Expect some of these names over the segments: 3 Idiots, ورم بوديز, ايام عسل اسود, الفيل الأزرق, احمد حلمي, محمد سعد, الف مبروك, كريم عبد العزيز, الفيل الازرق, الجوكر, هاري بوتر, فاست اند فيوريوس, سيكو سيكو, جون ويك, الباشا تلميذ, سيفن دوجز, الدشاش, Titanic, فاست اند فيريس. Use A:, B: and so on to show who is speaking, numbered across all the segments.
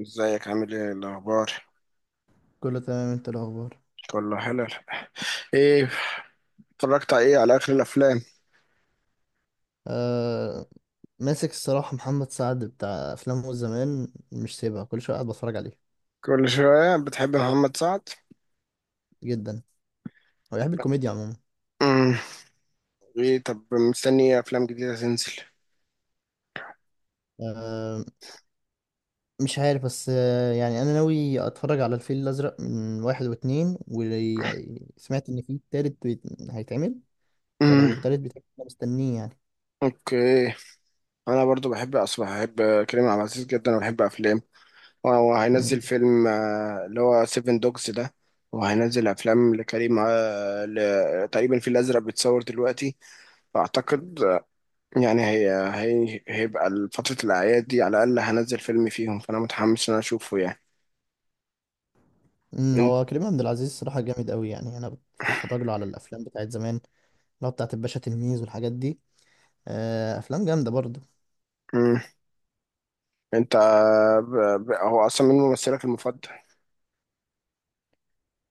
A: ازيك عامل ايه الاخبار؟
B: كله تمام، انت الاخبار؟
A: كله حلو. ايه؟ اتفرجت على ايه، على اخر الافلام؟
B: آه، ماسك الصراحه محمد سعد بتاع افلامه زمان مش سيبها كل شويه قاعد بتفرج عليه.
A: كل شويه بتحب محمد سعد؟
B: جدا. هو بيحب الكوميديا عموما.
A: امم. ايه، طب مستني افلام جديده تنزل؟
B: آه، مش عارف بس يعني انا ناوي اتفرج على الفيل الازرق من واحد واتنين وسمعت ان في تالت هيتعمل. فلو
A: امم.
B: التالت بيتعمل انا مستنيه يعني.
A: اوكي. انا برضو بحب، اصلا بحب كريم عبد العزيز جدا وبحب افلام. هو
B: مم.
A: هينزل فيلم اللي هو سيفن دوجز ده. وهينزل افلام لكريم تقريبا في الازرق بيتصور دلوقتي. فاعتقد يعني هي هي هيبقى فترة الأعياد دي على الأقل هنزل فيلم فيهم، فأنا متحمس إن أنا أشوفه يعني. أنت.
B: هو كريم عبد العزيز صراحه جامد قوي يعني انا بتفرج له على الافلام بتاعت زمان اللي هو بتاعت الباشا تلميذ والحاجات دي. آه، افلام جامده برضه.
A: مم. أنت ب... هو أصلا من ممثلك المفضل؟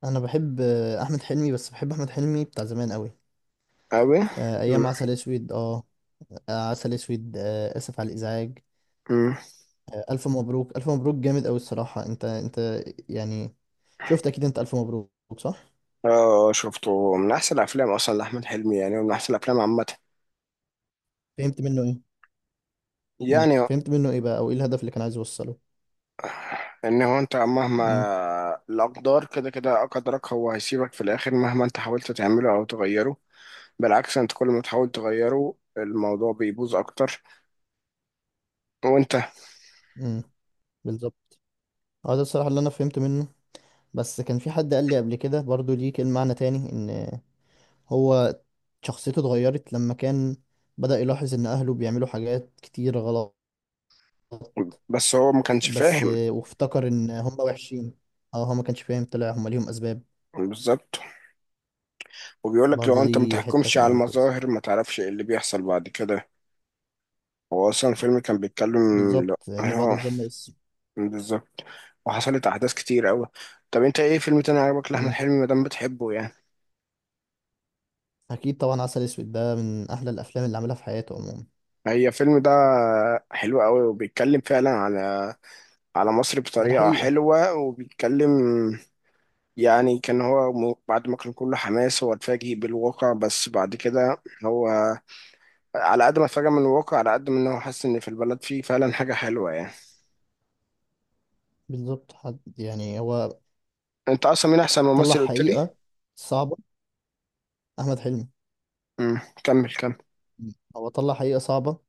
B: انا بحب احمد حلمي بس بحب احمد حلمي بتاع زمان قوي.
A: أوي. مم.
B: ايام عسل اسود اه عسل اسود، اسف على الازعاج.
A: مم.
B: الف مبروك الف مبروك جامد قوي الصراحه، انت يعني شفت اكيد، انت الف مبروك صح؟
A: آه، شفته من أحسن الأفلام أصلا لأحمد حلمي يعني، ومن أحسن الأفلام عامة.
B: فهمت منه ايه؟ مم.
A: يعني
B: فهمت منه ايه بقى، او ايه الهدف اللي كان عايز يوصله؟
A: إن هو أنت مهما
B: مم.
A: الأقدار كده كده أقدرك، هو هيسيبك في الآخر مهما أنت حاولت تعمله أو تغيره. بالعكس، أنت كل ما تحاول تغيره الموضوع بيبوظ أكتر. وأنت.
B: مم. بالظبط. اه ده الصراحه اللي انا فهمت منه. بس كان في حد قال لي قبل كده برضو ليه كلمه معنى تاني ان هو شخصيته اتغيرت لما كان بدأ يلاحظ ان اهله بيعملوا حاجات كتير غلط.
A: بس هو ما كانش
B: بس
A: فاهم.
B: وافتكر ان هم وحشين. اه هو ما كانش فاهم، طلع هم ليهم اسباب.
A: بالظبط. وبيقول لك لو
B: برضه
A: انت ما
B: دي حته
A: تحكمش على
B: يعني كويسه.
A: المظاهر ما تعرفش ايه اللي بيحصل بعد كده. هو اصلا الفيلم كان بيتكلم. لا.
B: بالظبط ان بعد
A: هو
B: الظن اسم.
A: بالظبط. وحصلت احداث كتير قوي. طب انت ايه فيلم تاني عجبك لاحمد
B: مم.
A: حلمي ما دام بتحبه يعني؟
B: اكيد طبعا، عسل اسود ده من احلى الافلام اللي عملها في حياته عموما.
A: هي الفيلم ده حلو قوي، وبيتكلم فعلا على على مصر
B: على
A: بطريقة
B: حقيقه.
A: حلوة، وبيتكلم يعني كان هو بعد ما كان كله حماس هو اتفاجئ بالواقع، بس بعد كده هو على قد ما اتفاجئ من الواقع على قد ما إن هو حاسس ان في البلد فيه فعلا حاجه حلوه يعني.
B: بالظبط حد يعني هو
A: انت اصلا مين احسن
B: طلع
A: ممثل قلت لي؟
B: حقيقه صعبه. احمد حلمي.
A: امم، كمل كمل.
B: مم. هو طلع حقيقه صعبه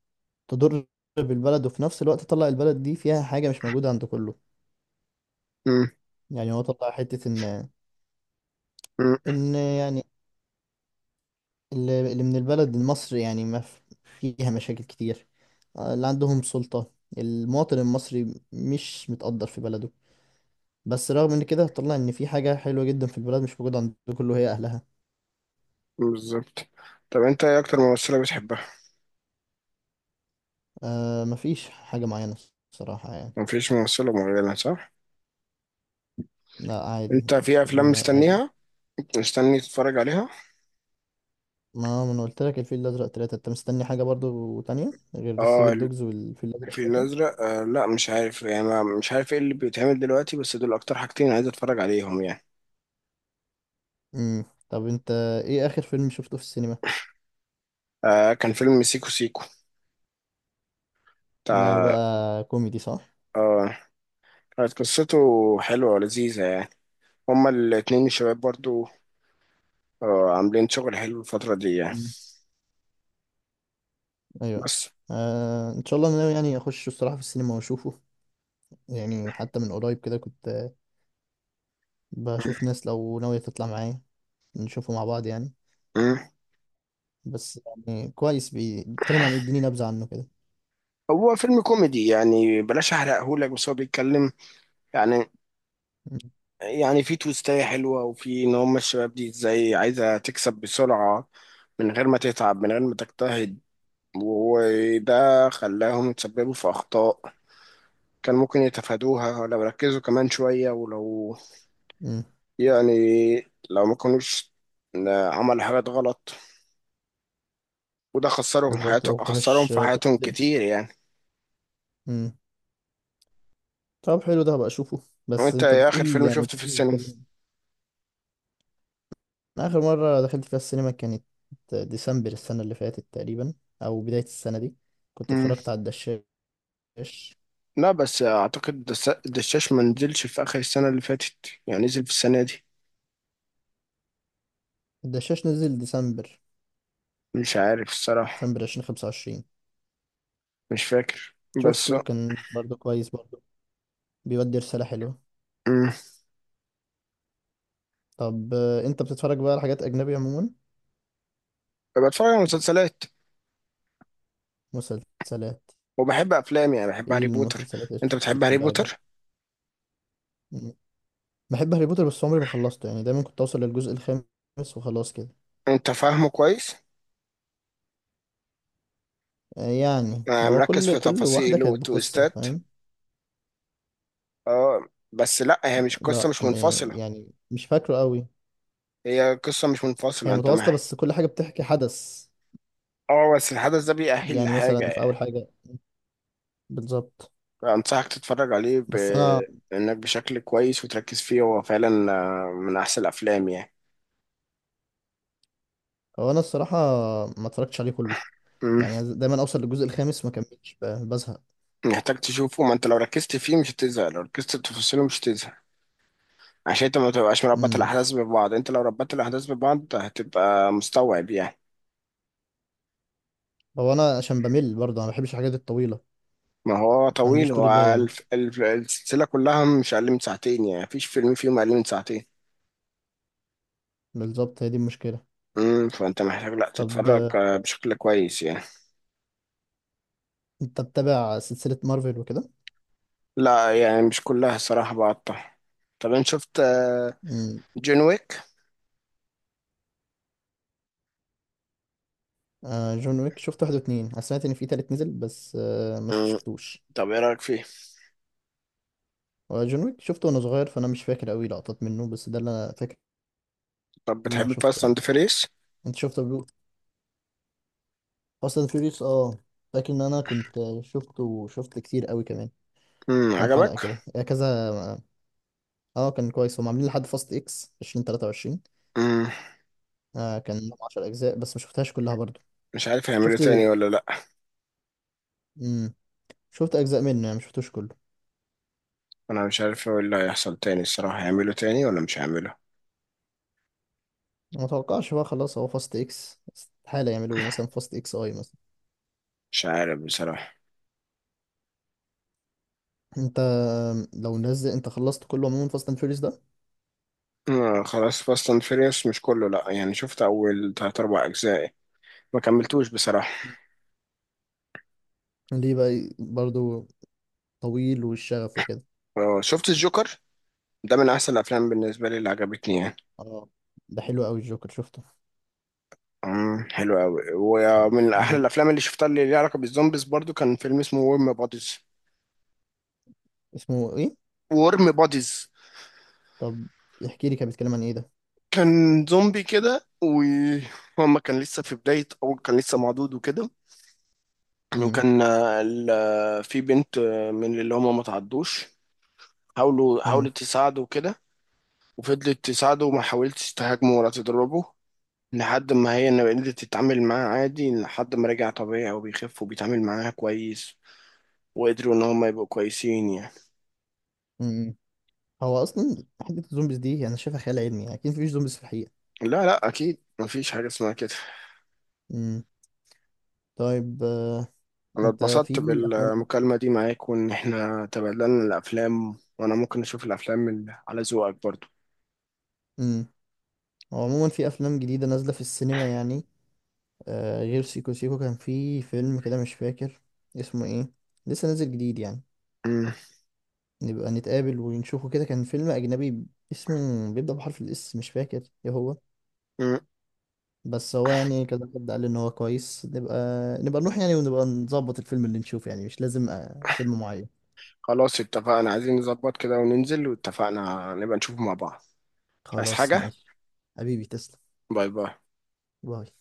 B: تضر بالبلد، وفي نفس الوقت طلع البلد دي فيها حاجه مش موجوده عند كله.
A: امم.
B: يعني هو طلع حته ان
A: امم.
B: ان يعني اللي من البلد مصر يعني ما ف- فيها مشاكل كتير. اللي عندهم سلطة المواطن المصري مش متقدر في بلده. بس رغم ان كده هتطلع ان في حاجة حلوة جدا في البلد مش موجودة عند كله، هي اهلها.
A: بالظبط. طب انت ايه اكتر ممثله بتحبها؟
B: آه، مفيش حاجة معينة الصراحة يعني.
A: مفيش ممثله معينه، صح؟
B: لا، عادي.
A: انت في افلام
B: كلهم عادي.
A: مستنيها، مستني تتفرج عليها؟
B: ما انا قلت لك الفيل الازرق ثلاثة، انت مستني حاجة برضو تانية غير
A: اه.
B: السيفن دوجز والفيل الازرق
A: الفيل
B: ثلاثة؟
A: الازرق. آه لا، مش عارف يعني، مش عارف ايه اللي بيتعمل دلوقتي، بس دول اكتر حاجتين عايز اتفرج عليهم يعني.
B: امم. طب انت ايه اخر فيلم شفته في السينما؟
A: آه كان فيلم سيكو سيكو
B: ده
A: بتاع.
B: بقى كوميدي صح؟
A: اه كانت قصته حلوه ولذيذه يعني. هما الاتنين الشباب برضو اه عاملين شغل حلو الفترة دي يعني.
B: ايوه.
A: بس.
B: آه، ان شاء الله انا ناوي يعني اخش الصراحه في السينما واشوفه. يعني حتى من قريب كده كنت بشوف ناس لو ناويه تطلع معايا نشوفه مع بعض يعني.
A: مم.
B: بس يعني كويس، بيتكلم عن إيه، يديني نبذه عنه كده.
A: هو فيلم كوميدي يعني، بلاش احرقهولك، بس هو بيتكلم يعني
B: مم.
A: يعني في تويستاية حلوة، وفي ان هم الشباب دي ازاي عايزة تكسب بسرعة من غير ما تتعب من غير ما تجتهد. وده خلاهم يتسببوا في أخطاء كان ممكن يتفادوها لو ركزوا كمان شوية ولو
B: مم.
A: يعني لو ما كانوش عملوا حاجات غلط، وده
B: بالظبط لو
A: خسرهم
B: كناش
A: في
B: تقصد
A: حياتهم
B: الدنيا.
A: كتير يعني.
B: مم. طب حلو، ده هبقى اشوفه. بس
A: وانت
B: انت
A: ايه اخر
B: بتقول
A: فيلم
B: يعني
A: شفته في
B: الفيلم
A: السينما؟
B: بيتكلم. أنا اخر مره دخلت فيها السينما كانت ديسمبر السنه اللي فاتت تقريبا، او بدايه السنه دي. كنت
A: مم.
B: اتفرجت على الدشاش.
A: لا بس اعتقد الدشاش ما نزلش في اخر السنه اللي فاتت، يعني نزل في السنه دي.
B: الدشاش نزل ديسمبر،
A: مش عارف الصراحه.
B: ديسمبر 2025.
A: مش فاكر. بس.
B: شفته كان برضه كويس برضه، بيودي رسالة حلوة.
A: مم.
B: طب انت بتتفرج بقى على حاجات أجنبي عموما؟
A: بتفرج على مسلسلات،
B: مسلسلات.
A: وبحب افلام يعني، بحب
B: ايه
A: هاري بوتر.
B: المسلسلات اللي
A: انت بتحب هاري
B: بتحبها أجنبي؟
A: بوتر؟
B: مم. بحب هاري بوتر بس عمري ما خلصته يعني دايما كنت أوصل للجزء الخامس وخلاص كده.
A: انت فاهمه كويس؟
B: يعني هو
A: مركز
B: كل
A: في
B: كل واحدة
A: تفاصيله
B: كانت بقصة
A: وتويستات.
B: فاهم.
A: اه بس لا، هي مش قصه
B: لا،
A: مش منفصله.
B: يعني مش فاكره قوي.
A: هي قصه مش منفصله،
B: هي
A: انت
B: متواصلة
A: معايا؟
B: بس كل حاجة بتحكي حدث
A: اه بس الحدث ده بيأهل
B: يعني مثلا في
A: لحاجه.
B: أول حاجة. بالظبط.
A: أنصحك تتفرج عليه
B: بس أنا
A: بإنك بشكل كويس وتركز فيه، هو فعلا من أحسن الأفلام يعني.
B: هو أنا الصراحة ما اتفرجتش عليه كله.
A: مم.
B: يعني عايز دايما اوصل للجزء الخامس ما كملش بزهق.
A: محتاج تشوفه. ما أنت لو ركزت فيه مش هتزهق، لو ركزت في تفاصيله مش هتزهق. عشان أنت ما تبقاش مربط
B: امم.
A: الأحداث ببعض. أنت لو ربطت الأحداث ببعض هتبقى مستوعب يعني.
B: هو انا عشان بمل برضه انا ما بحبش الحاجات الطويله.
A: ما هو
B: ما
A: طويل،
B: عنديش
A: هو
B: طولة بال انا.
A: السلسلة كلها مش أقل من ساعتين يعني، مفيش فيلم فيهم أقل من ساعتين.
B: بالظبط هي دي المشكله.
A: مم. فأنت محتاج، لأ
B: طب
A: تتفرج بشكل كويس يعني.
B: انت بتابع سلسله مارفل وكده؟
A: لا يعني مش كلها الصراحة، بقطع. طب أنت شفت
B: امم.
A: جون ويك؟
B: آه، جون ويك شفت واحد واتنين، انا سمعت ان في تالت نزل بس ما شفتوش.
A: طب ايه رايك فيه؟
B: هو جون ويك شفته وانا صغير فانا مش فاكر قوي لقطات منه بس ده اللي انا فاكر
A: طب
B: ان انا
A: بتحب
B: شفته
A: فاست اند
B: يعني.
A: فيريس؟
B: انت شفته بلو اصلا فيوريوس اه فاكر ان انا كنت شفته، وشفت كتير قوي كمان
A: امم،
B: كام حلقه
A: عجبك؟
B: كده كذا. اه كان كويس، هم عاملين لحد فاست اكس 2023.
A: امم.
B: آه كان لهم 10 اجزاء بس ما شفتهاش كلها برضو.
A: مش عارف هيعملوا
B: شفت.
A: تاني ولا لا.
B: امم. شفت اجزاء منه يعني ما شفتوش كله.
A: انا مش عارف ايه اللي هيحصل تاني الصراحه، هيعملوا تاني ولا مش هيعملوا؟
B: ما اتوقعش بقى خلاص، هو فاست اكس استحالة يعملوا مثلا فاست اكس اي مثلا.
A: مش عارف بصراحه.
B: انت لو نزل انت خلصت كله عموما فاست اند فيوريوس ده؟
A: آه خلاص، فاست اند فيريس مش كله، لا يعني شفت اول تلات اربع اجزاء، ما كملتوش بصراحه.
B: ليه بقى برضو؟ طويل والشغف وكده.
A: آه شفت الجوكر، ده من احسن الافلام بالنسبه لي اللي عجبتني يعني.
B: اه ده حلو قوي الجوكر شفته.
A: امم، حلو قوي، ومن احلى
B: مم.
A: الافلام اللي شفتها اللي ليها علاقه بالزومبيز برضو كان فيلم اسمه ورم بوديز.
B: اسمه ايه؟
A: ورم بوديز.
B: طب احكي لي كان بيتكلم عن ايه ده؟
A: كان زومبي كده، وهما كان لسه في بداية، أول كان لسه معدود وكده. وكان في بنت من اللي هما ما تعدوش. حاولت تساعده وكده، وفضلت تساعده وما حاولتش تهاجمه ولا تضربه، لحد ما هي إن قدرت تتعامل معاه عادي لحد ما رجع طبيعي وبيخف وبيتعامل معاها كويس، وقدروا إن هما يبقوا كويسين يعني.
B: امم. هو اصلا حته الزومبيز دي انا شايفها خيال علمي، اكيد مفيش زومبيز في الحقيقه.
A: لا لا، أكيد مفيش حاجة اسمها كده.
B: امم. طيب،
A: انا
B: انت
A: اتبسطت
B: في افلام؟
A: بالمكالمة دي معاك، وان احنا تبادلنا الافلام، وانا ممكن اشوف الافلام اللي على ذوقك برضو.
B: امم. هو عموما في افلام جديده نازله في السينما يعني. غير سيكو سيكو كان في فيلم كده مش فاكر اسمه ايه. لسه نازل جديد يعني.
A: مم.
B: نبقى نتقابل ونشوفه كده، كان فيلم اجنبي اسمه بيبدأ بحرف الاس مش فاكر ايه هو.
A: مم.
B: بس هو يعني كذا حد قال ان هو كويس، نبقى نروح يعني ونبقى نظبط الفيلم اللي نشوفه يعني مش لازم فيلم معين.
A: خلاص اتفقنا، عايزين نظبط كده وننزل، واتفقنا نبقى نشوف مع بعض. مش عايز
B: خلاص
A: حاجة.
B: ماشي. حبيبي تسلم.
A: باي باي.
B: باي.